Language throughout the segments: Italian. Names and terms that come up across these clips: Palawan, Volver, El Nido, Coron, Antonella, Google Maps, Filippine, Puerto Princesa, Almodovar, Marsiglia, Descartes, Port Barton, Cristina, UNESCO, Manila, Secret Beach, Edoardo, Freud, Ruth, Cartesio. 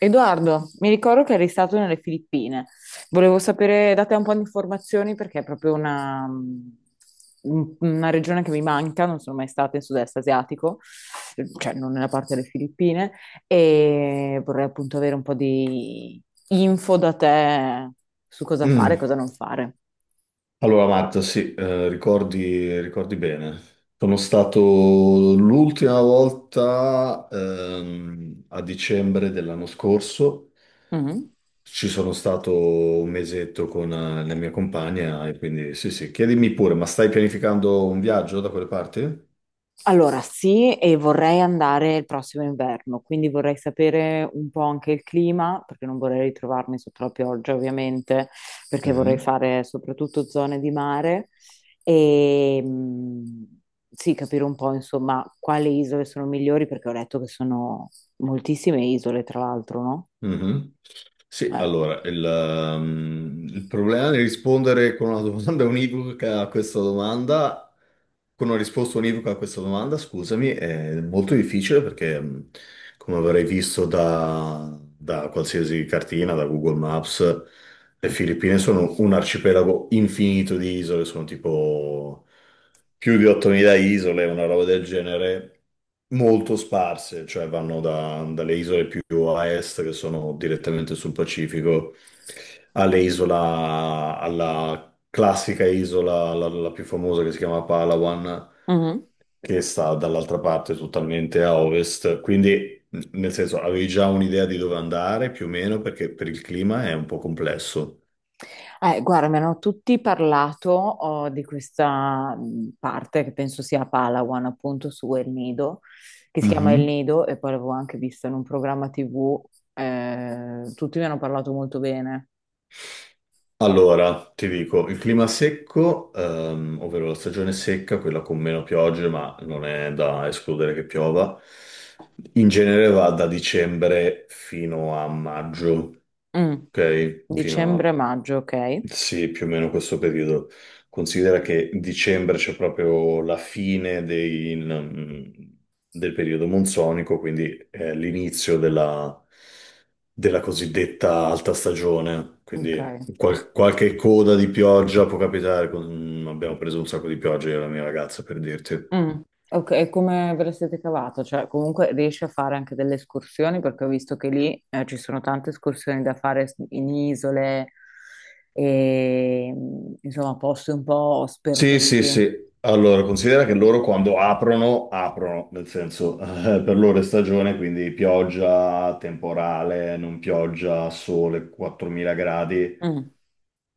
Edoardo, mi ricordo che eri stato nelle Filippine. Volevo sapere da te un po' di informazioni perché è proprio una regione che mi manca, non sono mai stata in sud-est asiatico, cioè non nella parte delle Filippine, e vorrei appunto avere un po' di info da te su cosa fare e Mm. cosa non fare. Allora, Matta, sì, ricordi bene. Sono stato l'ultima volta a dicembre dell'anno scorso. Mhm. Ci sono stato un mesetto con la mia compagna e quindi sì, sì, chiedimi pure, ma stai pianificando un viaggio da quelle parti? Allora, sì, e vorrei andare il prossimo inverno, quindi vorrei sapere un po' anche il clima, perché non vorrei ritrovarmi sotto la pioggia, ovviamente, perché vorrei Mhm. fare soprattutto zone di mare e sì, capire un po', insomma, quali isole sono migliori, perché ho letto che sono moltissime isole, tra l'altro, no? Mhm. Sì, allora, il problema di rispondere con una domanda univoca a questa domanda, con una risposta univoca a questa domanda, scusami, è molto difficile perché, come avrei visto da qualsiasi cartina, da Google Maps, le Filippine sono un arcipelago infinito di isole, sono tipo più di 8.000 isole, una roba del genere, molto sparse, cioè vanno dalle isole più a est, che sono direttamente sul Pacifico, alle isola, alla classica isola, la più famosa che si chiama Palawan, Eh. che sta dall'altra parte totalmente a ovest, quindi. Nel senso, avevi già un'idea di dove andare più o meno perché per il clima è un po' complesso. Guarda, mi hanno tutti parlato, oh, di questa parte che penso sia a Palawan, appunto su El Nido, che si chiama El Mhm. Nido, e poi l'avevo anche visto in un programma TV. Eh, tutti mi hanno parlato molto bene. Allora, ti dico, il clima secco, ovvero la stagione secca, quella con meno piogge, ma non è da escludere che piova, in genere va da dicembre fino a maggio, Mm. ok? Fino a Dicembre-maggio, ok? Sì, più o meno questo periodo. Considera che dicembre c'è proprio la fine del periodo monsonico, quindi è l'inizio della cosiddetta alta stagione. Ok. Quindi qualche coda di pioggia può capitare. Abbiamo preso un sacco di pioggia io e la mia ragazza, per dirti. Mm, ok, e come ve la siete cavata? Cioè, comunque riesci a fare anche delle escursioni perché ho visto che lì ci sono tante escursioni da fare in isole e insomma posti un po' Sì, sì, sperduti. sì. Allora, considera che loro quando aprono, aprono, nel senso, per loro è stagione, quindi pioggia, temporale, non pioggia, sole, 4.000 gradi, Mm,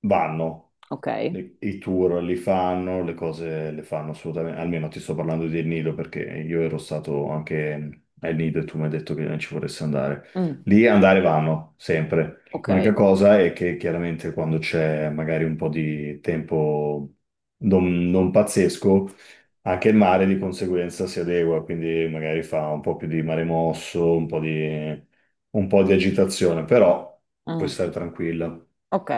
vanno. ok. I tour li fanno, le cose le fanno assolutamente, almeno ti sto parlando del Nido perché io ero stato anche al Nido e tu mi hai detto che non ci vorresti andare. Mm, Lì andare vanno, sempre. ok. L'unica cosa è che chiaramente quando c'è magari un po' di tempo non pazzesco, anche il mare di conseguenza si adegua, quindi magari fa un po' più di mare mosso, un po' di agitazione, però puoi Mm, stare tranquilla. ok,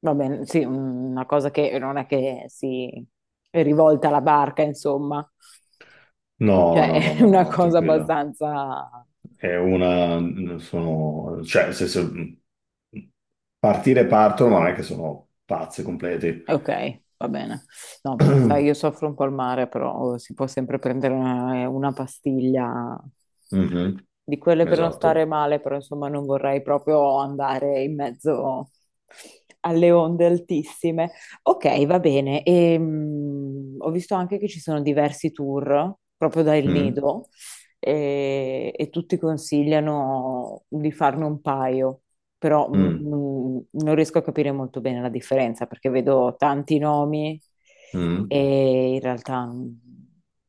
va bene, sì, una cosa che non è che si è rivolta alla barca, insomma, No, cioè no, no, è no, no, una no, cosa tranquilla. abbastanza... È una, sono, cioè, nel senso, partire e partono, ma non è che sono pazzi completi. Ok, va bene. No, perché sai, io soffro un po' al mare, però oh, si può sempre prendere una pastiglia Mhm, di quelle per non esatto. stare male, però insomma non vorrei proprio andare in mezzo alle onde altissime. Ok, va bene. Ho visto anche che ci sono diversi tour proprio da El Mm, Nido e tutti consigliano di farne un paio però mm, non riesco a capire molto bene la differenza perché vedo tanti nomi mm. e in realtà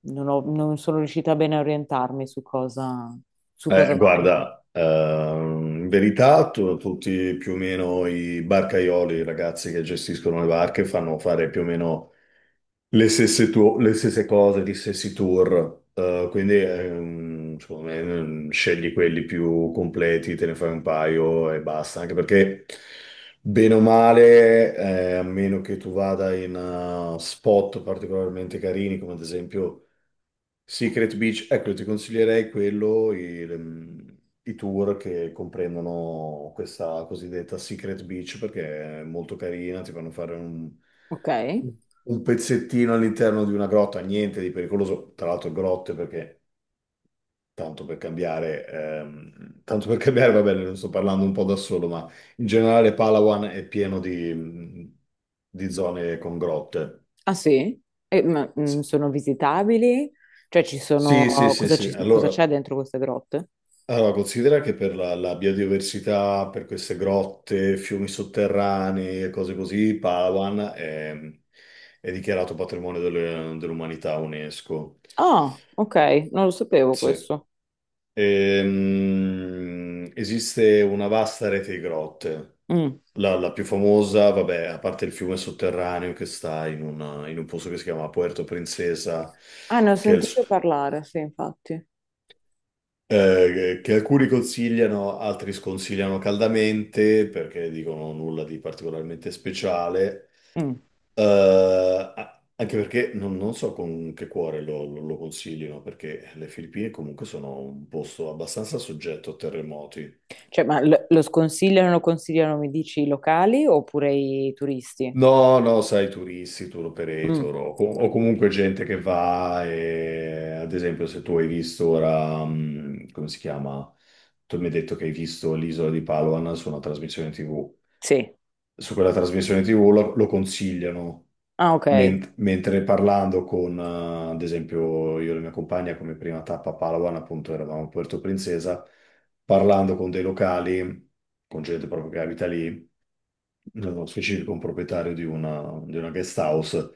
non sono riuscita bene a orientarmi su su cosa va meglio. Guarda, in verità tutti più o meno i barcaioli, i ragazzi che gestiscono le barche, fanno fare più o meno le stesse cose, gli stessi tour, quindi secondo me scegli quelli più completi, te ne fai un paio e basta, anche perché bene o male, a meno che tu vada in spot particolarmente carini, come ad esempio Secret Beach, ecco, ti consiglierei quello, i tour che comprendono questa cosiddetta Secret Beach perché è molto carina, ti fanno fare un, Ok? un pezzettino all'interno di una grotta, niente di pericoloso, tra l'altro grotte perché tanto per cambiare, va bene, non sto parlando un po' da solo, ma in generale Palawan è pieno di zone con grotte. Ah sì? Sono visitabili? Cioè ci sono... Sì, sì, sì, sì. Cosa Allora, c'è dentro queste grotte? Allora, considera che per la biodiversità, per queste grotte, fiumi sotterranei e cose così, Palawan è dichiarato patrimonio dell'umanità UNESCO. Ah, ok, non lo sapevo Sì. questo. Esiste una vasta rete di grotte. Mm. La più famosa, vabbè, a parte il fiume sotterraneo che sta in un posto che si chiama Puerto Princesa, Ah, ne ho che è sentito parlare, sì, infatti. Che alcuni consigliano, altri sconsigliano caldamente perché dicono nulla di particolarmente speciale, Mm. Eh, anche perché non so con che cuore lo consigliano, perché le Filippine comunque sono un posto abbastanza soggetto a terremoti. Cioè, ma lo sconsigliano, lo consigliano, mi dici, i locali oppure i turisti? No, no, sai, turisti, tour Mm, operator o comunque gente che va e, ad esempio, se tu hai visto ora, come si chiama? Tu mi hai detto che hai visto l'isola di Palawan su una trasmissione TV. sì. Su quella trasmissione TV lo consigliano, Ah, ok. Mentre parlando con, ad esempio, io e la mia compagna come prima tappa Palawan, appunto eravamo a Puerto Princesa, parlando con dei locali, con gente proprio che abita lì, nello specifico un proprietario di una guest house,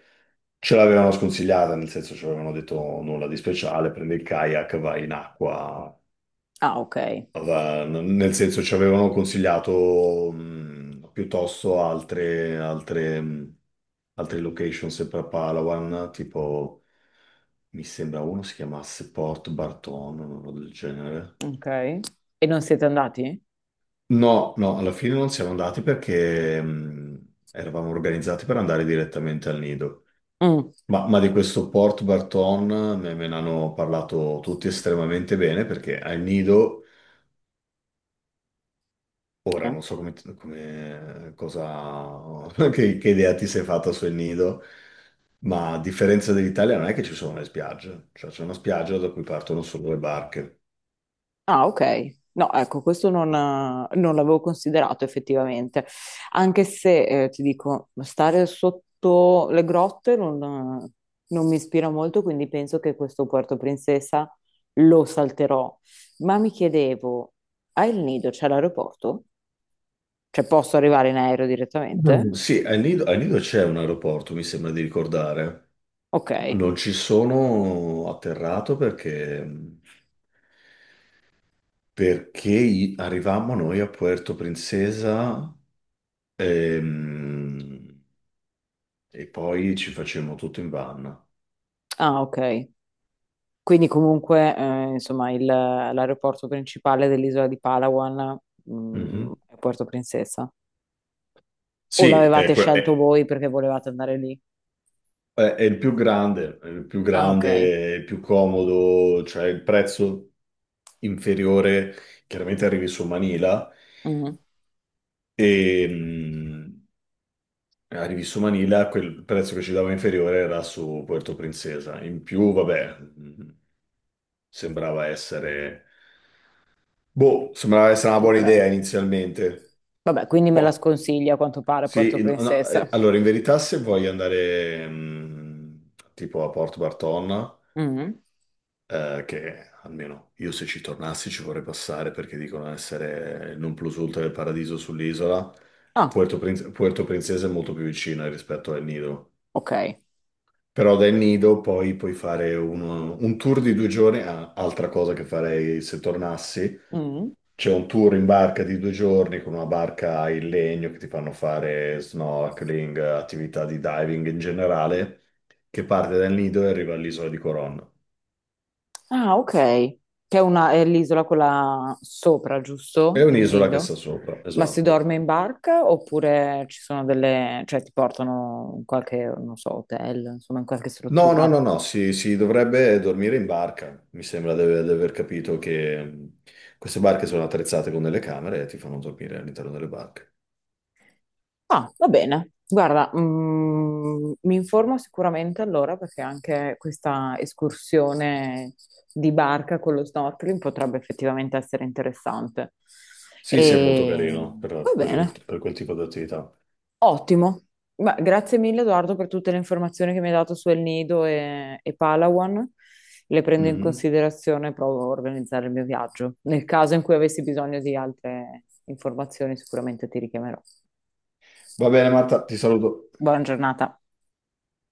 ce l'avevano sconsigliata, nel senso ci avevano detto nulla di speciale, prendi il kayak, vai in acqua. Ah, ok. Nel senso ci avevano consigliato piuttosto altre location sempre a Palawan, tipo mi sembra uno si chiamasse Port Barton o una roba del genere. Ok. E non siete andati? No, no, alla fine non siamo andati perché eravamo organizzati per andare direttamente al Nido. Mm, Ma di questo Port Barton me ne hanno parlato tutti estremamente bene perché al Nido. Ora eh. non so cosa, che idea ti sei fatta sul nido, ma a differenza dell'Italia non è che ci sono le spiagge, cioè c'è una spiaggia da cui partono solo le barche. Ah, ok. No, ecco, questo non l'avevo considerato effettivamente. Anche se, ti dico, stare sotto le grotte eh, non mi ispira molto, quindi penso che questo Puerto Princesa lo salterò. Ma mi chiedevo, a El Nido c'è l'aeroporto? Cioè, posso arrivare in aereo Mm. direttamente? Sì, al Nido c'è un aeroporto, mi sembra di ricordare. Ok. Non ci sono atterrato perché arrivammo noi a Puerto Princesa ehm, e, poi ci facemmo tutto in van. Ah, ok. Quindi comunque, insomma, l'aeroporto principale dell'isola di Palawan, Mhm. è Puerto Princesa. O Sì, l'avevate scelto voi perché volevate andare lì? È il più grande, Ah, ok. È il più comodo, cioè il prezzo inferiore, chiaramente Mm, e mh, arrivi su Manila, quel prezzo che ci dava inferiore era su Puerto Princesa. In più, vabbè, sembrava essere. Boh, sembrava essere una buona ok. idea inizialmente. Vabbè, quindi me la Boh, sconsiglia a quanto pare Puerto sì, no, no, Princesa. Allora in verità se vuoi andare tipo a Porto Barton Mm. Che almeno io se ci tornassi ci vorrei passare perché dicono essere il non plus ultra del paradiso sull'isola. Ah, Puerto Princesa è molto più vicina rispetto a El Nido. ok. Però da El Nido poi puoi fare un tour di 2 giorni, ah, altra cosa che farei se tornassi. Mm. C'è un tour in barca di 2 giorni con una barca in legno che ti fanno fare snorkeling, attività di diving in generale, che parte dal Nido e arriva all'isola di Coron. Ah, ok. Che è è l'isola quella sopra, È giusto? Il un'isola che nido? sta sopra, Ma si esatto. dorme in barca oppure ci sono delle, cioè ti portano in qualche, non so, hotel, insomma, in qualche No, struttura? no, no, no, si dovrebbe dormire in barca. Mi sembra di aver capito che queste barche sono attrezzate con delle camere e ti fanno dormire all'interno delle barche. Ah, va bene. Guarda, mi informo sicuramente allora perché anche questa escursione di barca con lo snorkeling potrebbe effettivamente essere interessante. Sì, sì, è molto E carino per, va per bene. quel per quel tipo di attività. Ottimo, ma grazie mille Edoardo per tutte le informazioni che mi hai dato su El Nido e Palawan. Le prendo in Mhm. considerazione e provo a organizzare il mio viaggio. Nel caso in cui avessi bisogno di altre informazioni, sicuramente ti richiamerò. Va bene, Marta, ti saluto. Buona giornata.